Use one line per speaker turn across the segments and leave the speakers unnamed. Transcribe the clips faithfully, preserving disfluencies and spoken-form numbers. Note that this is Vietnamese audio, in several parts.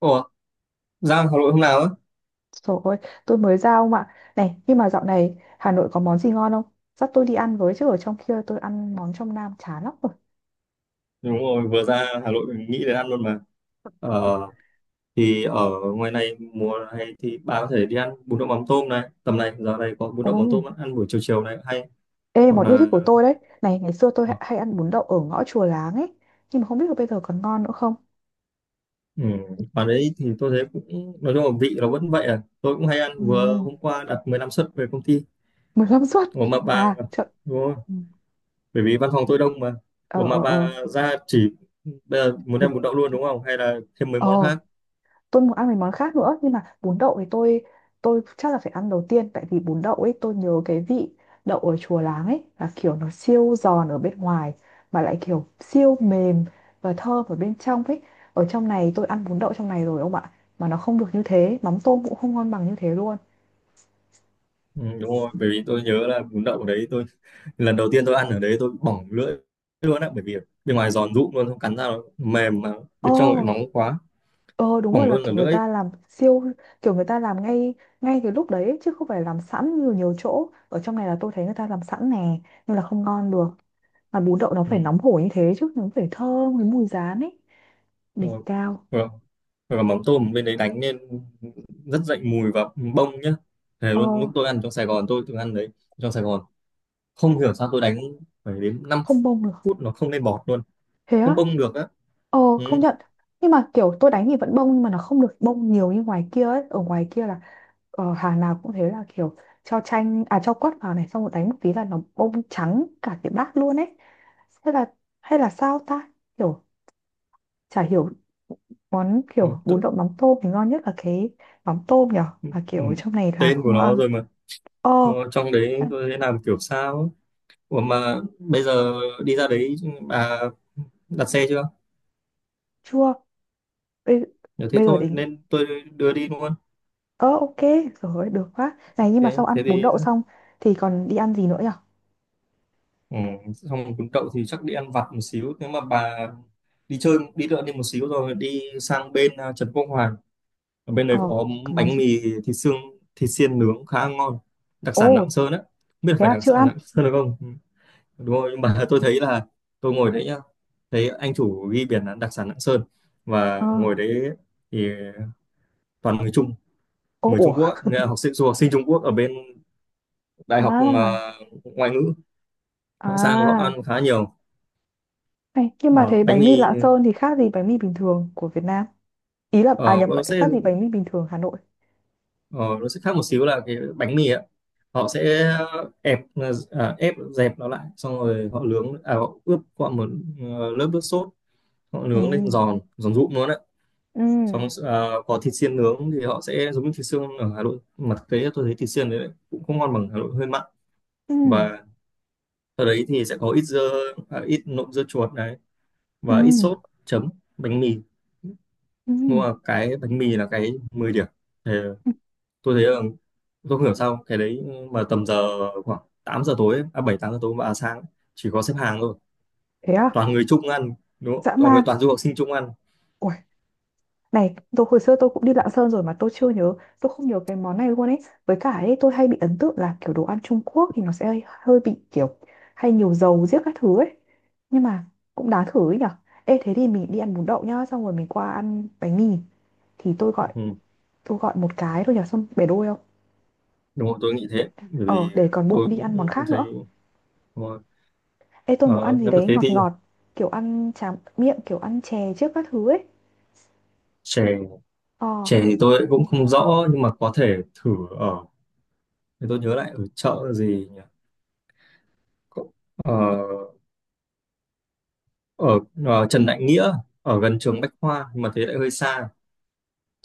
Ủa, ra Hà Nội hôm nào á?
Trời ơi, tôi mới ra ông ạ. Này, nhưng mà dạo này Hà Nội có món gì ngon không? Dắt tôi đi ăn với chứ ở trong kia tôi ăn món trong Nam chán lắm rồi.
Đúng rồi, vừa ra Hà Nội mình nghĩ đến ăn luôn mà. Ờ, thì ở ngoài này mùa này thì bà có thể đi ăn bún đậu mắm tôm này. Tầm này, giờ này có bún
Ồ,
đậu mắm tôm ăn buổi chiều chiều này hay.
ê,
Hoặc
món yêu thích
là
của tôi đấy. Này, ngày xưa tôi hay hay ăn bún đậu ở ngõ Chùa Láng ấy. Nhưng mà không biết là bây giờ còn ngon nữa không?
ừ, bà đấy thì tôi thấy cũng, nói chung là vị nó vẫn vậy à. Tôi cũng hay
Ừ,
ăn, vừa hôm qua đặt mười lăm suất về công ty.
Mười lăm suất.
Ủa mà bà,
À, chợ...
đúng rồi,
Ừ.
bởi vì văn phòng tôi đông mà.
Ờ,
Ủa mà
ờ, ờ.
bà ra chỉ, bây giờ muốn ăn bún đậu luôn đúng không? Hay là thêm mấy
Ờ,
món khác?
tôi muốn ăn mấy món khác nữa, nhưng mà bún đậu thì tôi tôi chắc là phải ăn đầu tiên, tại vì bún đậu ấy tôi nhớ cái vị đậu ở Chùa Láng ấy là kiểu nó siêu giòn ở bên ngoài mà lại kiểu siêu mềm và thơm ở bên trong ấy. Ở trong này tôi ăn bún đậu trong này rồi ông ạ, mà nó không được như thế, mắm tôm cũng không ngon bằng như thế luôn.
Ừ, đúng rồi, bởi vì tôi nhớ là bún đậu ở đấy, tôi lần đầu tiên tôi ăn ở đấy tôi bỏng lưỡi luôn á, bởi vì bên ngoài giòn rụm luôn, không cắn ra nó mềm mà
Ồ,
bên trong lại nóng quá,
ờ đúng rồi,
bỏng
là
luôn cả
kiểu người
lưỡi.
ta làm siêu, kiểu người ta làm ngay ngay cái lúc đấy ấy, chứ không phải làm sẵn như nhiều chỗ ở trong này, là tôi thấy người ta làm sẵn nè, nhưng là không ngon được. Mà bún đậu nó phải
Ừ.
nóng hổi như thế chứ, nó phải thơm với mùi rán ấy. Đỉnh
Rồi
cao.
rồi rồi, mắm tôm bên đấy đánh lên rất dậy mùi và bông nhá. Thế
Ờ,
luôn, lúc tôi ăn trong Sài Gòn tôi từng ăn đấy, trong Sài Gòn không hiểu sao tôi đánh phải đến năm
không bông được.
phút nó không lên bọt luôn,
Thế
không
á?
bông được á.
Ờ, không
Ừ.
nhận. Nhưng mà kiểu tôi đánh thì vẫn bông, nhưng mà nó không được bông nhiều như ngoài kia ấy. Ở ngoài kia là, ờ, hàng nào cũng thế, là kiểu cho chanh à cho quất vào này, xong rồi đánh một tí là nó bông trắng cả cái bát luôn ấy. Hay là, hay là sao ta, kiểu, chả hiểu. Món
Ừ.
kiểu
Tôi,
bún đậu mắm tôm thì ngon nhất là cái mắm tôm nhở,
ừ.
mà
Ừ,
kiểu trong này làm
tên của
không
nó
ngon.
rồi mà.
Ờ,
Nó- trong đấy
nhận.
tôi thấy làm kiểu sao á. Ủa mà bây giờ đi ra đấy bà đặt xe chưa?
Chưa. bây,
Nếu thế
bây giờ
thôi
để nghĩ.
nên tôi đưa đi luôn.
Ờ, ok rồi ơi, được quá này. Nhưng mà sau
Thế thế
ăn bún
thì
đậu xong thì còn đi ăn gì nữa nhở?
ừ, xong cuốn đậu thì chắc đi ăn vặt một xíu. Nếu mà bà đi chơi đi đợi đi một xíu rồi đi sang bên à, Trần Quốc Hoàn. Ở bên đấy
Ờ,
có
có món
bánh
gì?
mì thịt xương, thịt xiên nướng khá ngon. Đặc sản
Ồ,
Lạng Sơn á. Không biết là
thế
phải
à?
đặc
Chưa
sản
ăn.
Lạng Sơn được không? Ừ, đúng rồi, nhưng mà tôi thấy là tôi ngồi đấy nhá. Thấy anh chủ ghi biển là đặc sản Lạng Sơn
Ờ,
và ngồi đấy thì toàn người Trung
ô,
người Trung
ủa,
Quốc á, nghĩa là học sinh du học sinh Trung Quốc ở bên đại học
à,
ờ, ngoại ngữ. Họ sang họ
à.
ăn khá nhiều.
Này, nhưng mà
Ờ,
thế
bánh
bánh mì
mì
Lạng Sơn thì khác gì bánh mì bình thường của Việt Nam? Ý là, à,
ờ,
nhập,
nó sẽ
khác gì bánh mì bình thường Hà Nội?
ờ, nó sẽ khác một xíu là cái bánh mì á, họ sẽ ép ờ, à, ép dẹp nó lại, xong rồi họ nướng, à, họ ướp qua một ờ, lớp nước sốt, họ
Ừ,
nướng lên giòn giòn rụm luôn đấy.
ừ,
Xong ờ, có thịt xiên nướng thì họ sẽ giống như thịt xương ở Hà Nội, mà thực tế tôi thấy thịt xiên đấy cũng không ngon bằng Hà Nội, hơi mặn.
ừ,
Và ở đấy thì sẽ có ít dưa à, ít nộm dưa chuột này
ừ,
và ít sốt chấm bánh mì.
ừ,
Nhưng mà cái bánh mì là cái mười điểm. Thì tôi thấy là tôi không hiểu sao cái đấy mà tầm giờ khoảng tám giờ tối ấy, à bảy tám giờ tối và sáng ấy, chỉ có xếp hàng thôi.
thế à?
Toàn người Trung ăn đúng không?
Dã
Toàn người
man.
toàn du học sinh Trung ăn.
Ủa, này, tôi hồi xưa tôi cũng đi Lạng Sơn rồi mà tôi chưa nhớ, tôi không nhớ cái món này luôn ấy. Với cả ấy, tôi hay bị ấn tượng là kiểu đồ ăn Trung Quốc thì nó sẽ hơi, hơi bị kiểu hay nhiều dầu giết các thứ ấy. Nhưng mà cũng đáng thử ấy nhở. Ê, thế thì mình đi ăn bún đậu nhá, xong rồi mình qua ăn bánh mì. Thì tôi gọi
Ừ.
tôi gọi một cái thôi nhở, xong bể đôi không?
Đúng rồi tôi nghĩ
Để,
thế, bởi
ờ,
vì
để còn bụng
tôi
đi ăn món
cũng
khác nữa.
thấy đúng rồi.
Ê, tôi muốn ăn
Ờ,
gì
nếu mà
đấy
thế
ngọt
thì
ngọt, kiểu ăn tráng miệng, kiểu ăn chè trước các thứ ấy.
chè,
Ờ,
chè thì tôi cũng không rõ nhưng mà có thể thử. Ở thì tôi nhớ lại ở chợ gì nhỉ. Ờ, ở ờ, Trần Đại Nghĩa, ở gần trường Bách Khoa, nhưng mà thế lại hơi xa.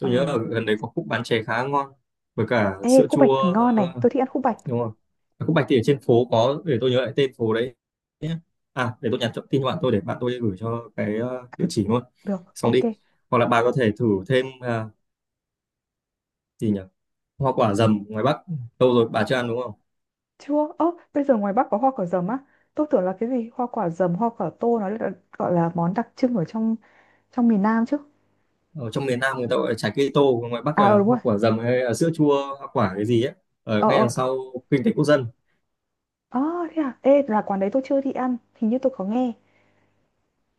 ờ.
nhớ ở gần đấy có khúc bán chè khá ngon với cả
Ê,
sữa
khúc bạch
chua.
thì ngon này,
ờ,
tôi thích ăn khúc bạch.
đúng không. Ở khúc Bạch thì ở trên phố có, để tôi nhớ lại tên phố đấy nhé. À để tôi nhắn cho- tin cho bạn tôi để bạn tôi gửi cho cái ờ, địa chỉ luôn.
Được,
Xong
ok.
đi, hoặc là bà có thể thử thêm ờ, gì nhỉ, hoa quả dầm ngoài Bắc, lâu rồi bà chưa ăn đúng không.
Chưa, ơ, bây giờ ngoài Bắc có hoa quả dầm á. Tôi tưởng là cái gì hoa quả dầm, hoa quả tô nó là, gọi là món đặc trưng ở trong trong miền Nam chứ.
Ở trong miền Nam người ta gọi là trái cây tô, ngoài Bắc
À,
là
ờ đúng rồi.
hoa quả dầm hay là sữa chua hoa quả cái gì ấy, ở
Ờ,
ngay đằng
ờ.
sau kinh tế quốc dân.
Ờ, thế à. Ê, là quán đấy tôi chưa đi ăn, hình như tôi có nghe.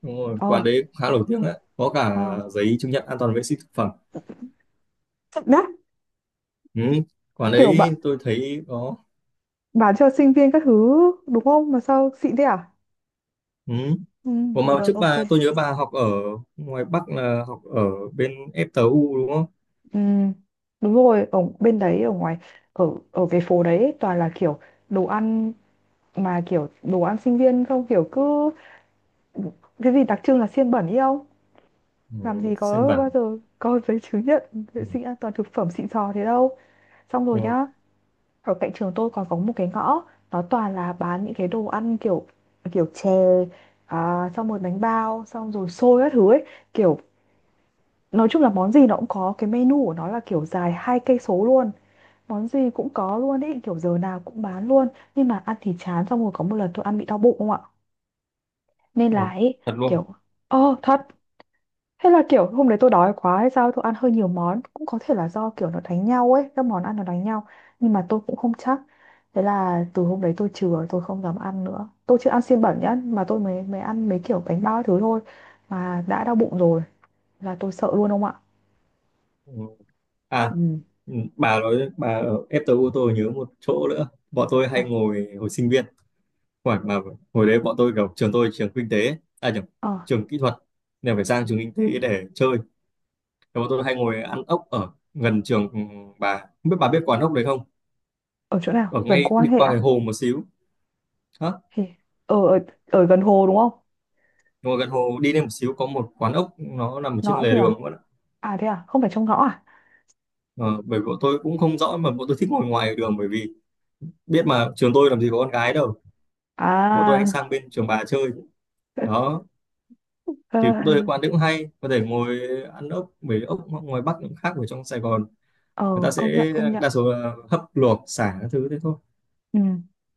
Đúng rồi,
Ờ,
quán đấy khá nổi tiếng đấy. Có cả
ờ.
giấy chứng nhận an toàn vệ sinh thực phẩm.
Đắt,
Ừ. Quán
kiểu
đấy
bạn
tôi thấy có.
bán cho sinh viên các thứ đúng không? Mà sao xịn thế à?
Ừ.
Ừ,
Còn mà
được,
trước
ok.
bà, tôi nhớ bà học ở ngoài Bắc là học ở bên e tê u đúng không?
Ừ, đúng rồi, ở bên đấy, ở ngoài, ở ở cái phố đấy ấy, toàn là kiểu đồ ăn, mà kiểu đồ ăn sinh viên không, kiểu cứ cái gì đặc trưng là xiên bẩn ý, không?
Ừ.
Làm gì
Sơn
có bao
Bản.
giờ có giấy chứng nhận
Ừ.
vệ sinh an toàn thực phẩm xịn sò thế đâu. Xong rồi
Ừ.
nhá, ở cạnh trường tôi còn có một cái ngõ, nó toàn là bán những cái đồ ăn kiểu kiểu chè à, xong rồi bánh bao, xong rồi xôi các thứ ấy, kiểu nói chung là món gì nó cũng có cái menu của nó là kiểu dài hai cây số luôn, món gì cũng có luôn ấy, kiểu giờ nào cũng bán luôn. Nhưng mà ăn thì chán. Xong rồi có một lần tôi ăn bị đau bụng không ạ, nên là
Ủa,
ấy,
thật luôn.
kiểu. Ờ, thật. Hay là kiểu hôm đấy tôi đói quá hay sao tôi ăn hơi nhiều món. Cũng có thể là do kiểu nó đánh nhau ấy, các món ăn nó đánh nhau. Nhưng mà tôi cũng không chắc. Thế là từ hôm đấy tôi chừa, tôi không dám ăn nữa. Tôi chưa ăn xiên bẩn nhá. Mà tôi mới mới ăn mấy kiểu bánh bao thứ thôi mà đã đau bụng rồi, là tôi sợ luôn ông ạ.
Ừ. À,
Ừ.
ừ, bà nói bà ở e tê u tôi nhớ một chỗ nữa. Bọn tôi
À,
hay ngồi hồi sinh viên. Khoảng mà hồi đấy bọn tôi kiểu trường tôi trường kinh tế, à nhầm,
ờ,
trường kỹ thuật. Nên phải sang trường kinh tế để chơi. Thì bọn tôi hay ngồi ăn ốc ở gần trường, ừ, bà. Không biết bà biết quán ốc đấy không?
ở chỗ nào?
Ở
Gần
ngay
cô quan
đi
hệ
qua cái
á?
hồ một xíu. Hả?
Thì ở, ở, ở gần hồ đúng không?
Ngồi gần hồ đi lên một xíu có một quán ốc nó nằm trên
Ngõ
lề
gì à?
đường luôn.
À, thế à? Không phải trong ngõ à?
Ờ, bởi vì bọn tôi cũng không rõ mà bọn tôi thích ngồi ngoài đường, bởi vì biết mà trường tôi làm gì có con gái đâu. Bọn tôi hay
À.
sang bên trường bà chơi. Đó. Thì tôi thấy quán đấy cũng hay. Có thể ngồi ăn ốc. Bởi vì ốc ngoài Bắc cũng khác ở trong Sài Gòn.
Ờ,
Người ta
công nhận,
sẽ
công nhận.
đa số là hấp luộc, xả các thứ thế thôi.
Ừ.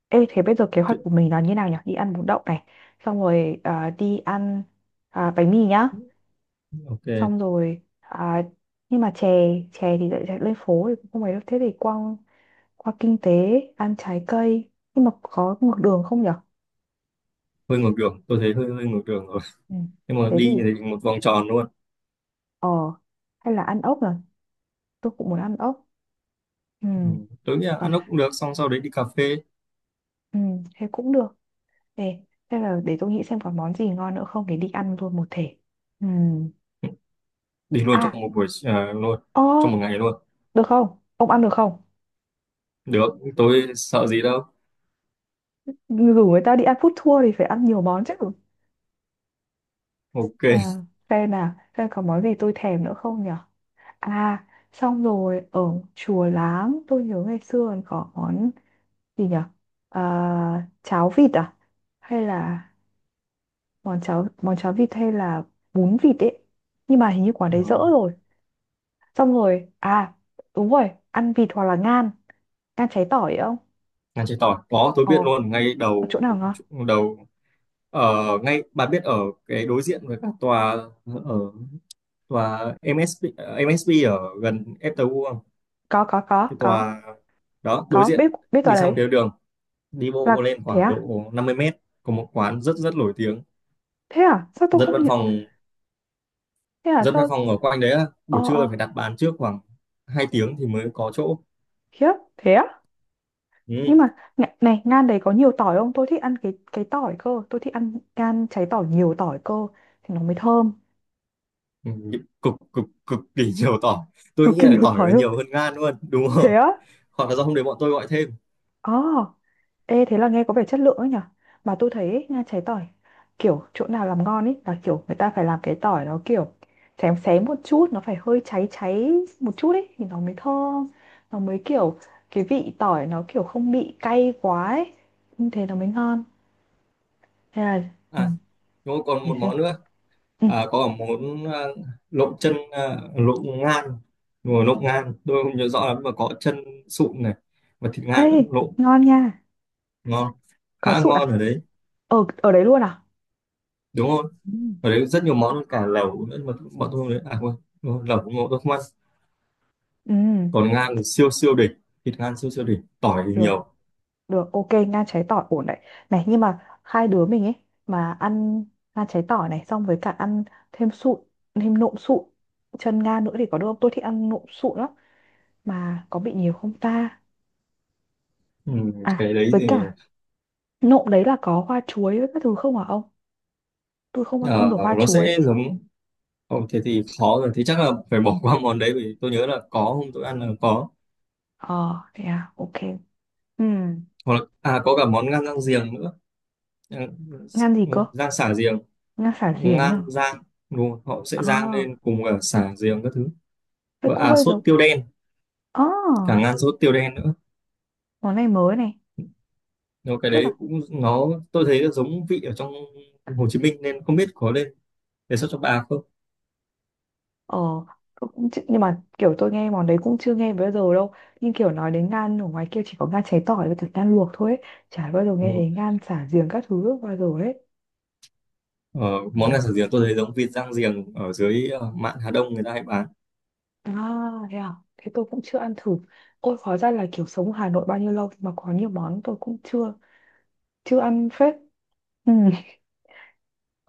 Ê, thế bây giờ kế hoạch
Chứ-
của mình là như nào nhỉ? Đi ăn bún đậu này, xong rồi à, đi ăn à, bánh mì nhá,
Ok,
xong rồi à, nhưng mà chè chè thì lại chạy lên phố thì cũng không phải đâu. Thế thì qua qua kinh tế ăn trái cây, nhưng mà có ngược đường không nhỉ?
hơi ngược đường. Tôi thấy hơi hơi ngược đường,
Ừ.
nhưng mà
Thế thì,
đi như thế một vòng tròn luôn.
ờ, hay là ăn ốc nhỉ? Tôi cũng muốn ăn ốc. Ừ.
Ừ. Tôi nghĩ là
Còn,
ăn ốc cũng được, xong sau đấy đi cà phê.
ừ, thế cũng được. Ê, thế là để tôi nghĩ xem có món gì ngon nữa không để đi ăn luôn một thể. Ừ.
Đi luôn
À,
trong một buổi à, luôn
ơ,
trong một ngày luôn.
được không? Ông ăn được không?
Được, tôi sợ gì đâu.
Rủ người ta đi ăn food tour thì phải ăn nhiều món chứ.
Ok.
À, xem nào, xem có món gì tôi thèm nữa không nhỉ? À, xong rồi ở Chùa Láng tôi nhớ ngày xưa còn có món gì nhỉ? À, cháo vịt à, hay là món cháo món cháo vịt, hay là bún vịt ấy, nhưng mà hình như quán đấy dỡ
Ờ,
rồi. Xong rồi à, đúng rồi, ăn vịt hoặc là ngan, ngan cháy tỏi ấy không?
ngăn chế tỏi có, tôi biết
Ồ,
luôn ngay
chỗ
đầu,
nào ngon?
đầu ở ngay, bà biết ở cái đối diện với cả tòa, ở tòa em ét bê, ờ, em ét bê ở gần ép tê u không,
Có, có, có,
cái
có.
tòa đó đối
Có biết
diện,
biết tòa
đi sang
đấy.
phía đường đi bộ
Là
lên
thế
khoảng
à?
độ năm mươi mét có một quán rất rất nổi tiếng.
Thế à, sao tôi
Dân
không
văn
nhận?
phòng,
Thế à?
dân văn
Sao?
phòng ở quanh đấy á, buổi
Ờ,
trưa
ờ,
phải đặt bàn trước khoảng hai tiếng thì mới có chỗ.
khiếp thế á?
Ừ.
Nhưng mà này, này ngan đấy có nhiều tỏi không, tôi thích ăn cái cái tỏi cơ, tôi thích ăn ngan cháy tỏi nhiều tỏi cơ thì nó mới thơm.
Ừ, cực cực cực kỳ nhiều tỏi. Tôi
Cực
nghĩ
kỳ
là
nhiều
tỏi
tỏi
là
luôn.
nhiều hơn gan luôn, đúng rồi.
Thế á?
Hoặc là do hôm đấy bọn tôi gọi thêm.
Ờ. Ê, thế là nghe có vẻ chất lượng ấy nhở. Mà tôi thấy ấy, ngan cháy tỏi kiểu chỗ nào làm ngon ấy là kiểu người ta phải làm cái tỏi nó kiểu xém xém một chút, nó phải hơi cháy cháy một chút ấy thì nó mới thơm, nó mới kiểu cái vị tỏi nó kiểu không bị cay quá ấy, như thế nó mới ngon. Thế là ừ,
À đúng rồi, còn
để
một
xem.
món nữa.
Ừ.
à, có cả món à, lộn chân à, lộn ngan. Đúng rồi, lộn ngan tôi không nhớ rõ lắm mà có chân sụn này và thịt
Ê,
ngan nữa lộn.
ngon nha.
Ngon,
Có
khá
sụn à?
ngon ở đấy,
Ở ở đấy luôn à?
đúng không.
Ừ.
Ở đấy rất nhiều món, cả lẩu nữa, mà bọn tôi không đấy à quên. Đúng rồi, lẩu ngộ tôi không ăn.
Ừ,
Còn ngan thì siêu siêu đỉnh, thịt ngan siêu siêu đỉnh, tỏi thì
được,
nhiều.
được, ok, ngan cháy tỏi ổn đấy. Này, nhưng mà hai đứa mình ấy, mà ăn ngan cháy tỏi này xong với cả ăn thêm sụn, thêm nộm sụn, chân ngan nữa thì có được không? Tôi thích ăn nộm sụn lắm mà có bị nhiều không ta?
Ừ,
À,
cái đấy
với
thì
cả nộm đấy là có hoa chuối với các thứ không hả ông? Tôi không ăn
ờ,
được hoa
nó
chuối.
sẽ giống. Ồ, thế thì khó rồi, thế chắc là phải bỏ qua món đấy vì tôi nhớ là có hôm tôi ăn là có.
Ờ, thế à, ok. Ừ,
Hoặc là à có cả món ngan rang giềng nữa. Ừ,
ngan gì
đúng
cơ?
rồi, rang xả giềng,
Ngan xả diển ấy
ngan
hả?
rang, đúng rồi, họ sẽ rang
À,
lên cùng cả xả giềng các thứ.
vậy
Và
cũng
à
hơi
sốt
giống.
tiêu đen,
À,
cả ngan sốt tiêu đen nữa.
món này mới này.
Nhưng cái
Tức
đấy
là,
cũng, nó tôi thấy là giống vị ở trong Hồ Chí Minh nên không biết có lên đề xuất cho bà không.
ờ, tôi cũng chưa- nhưng mà kiểu tôi nghe món đấy cũng chưa nghe bao giờ đâu. Nhưng kiểu nói đến ngan ở ngoài kia chỉ có ngan cháy tỏi với cả ngan luộc thôi ấy. Chả bao giờ
Ừ.
nghe thấy ngan xả giềng các thứ bao giờ ấy.
Ờ,
Ừ.
món gà xào giềng tôi thấy giống vịt rang giềng ở dưới ờ, mạn Hà Đông người ta hay bán.
À, thế à? Thế tôi cũng chưa ăn thử. Ôi, hóa ra là kiểu sống ở Hà Nội bao nhiêu lâu mà có nhiều món tôi cũng chưa chưa ăn phết. Ừ.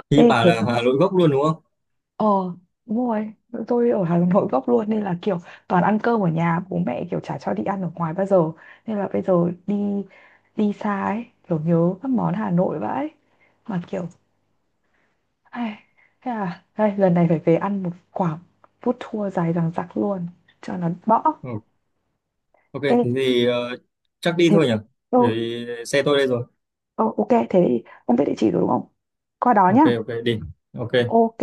Thì
Ê,
bà
thế
là
thì,
Hà Nội gốc luôn đúng không?
ờ, đúng rồi. Tôi ở Hà Nội gốc luôn nên là kiểu toàn ăn cơm ở nhà, bố mẹ kiểu chả cho đi ăn ở ngoài bao giờ. Nên là bây giờ đi đi xa ấy, kiểu nhớ các món Hà Nội vãi. Mà kiểu, ai, thế là đây, lần này phải về ăn một quả food tour dài dằng dặc luôn, cho nó bõ.
Ừ. Ok,
Ê,
thế thì ờ, chắc đi
thế,
thôi nhỉ?
ừ,
Bởi vì xe tôi đây rồi.
ừ, ok, thế thì ông biết địa chỉ rồi đúng không? Qua đó nhá.
Ok, ok, đi. Ok.
Ok.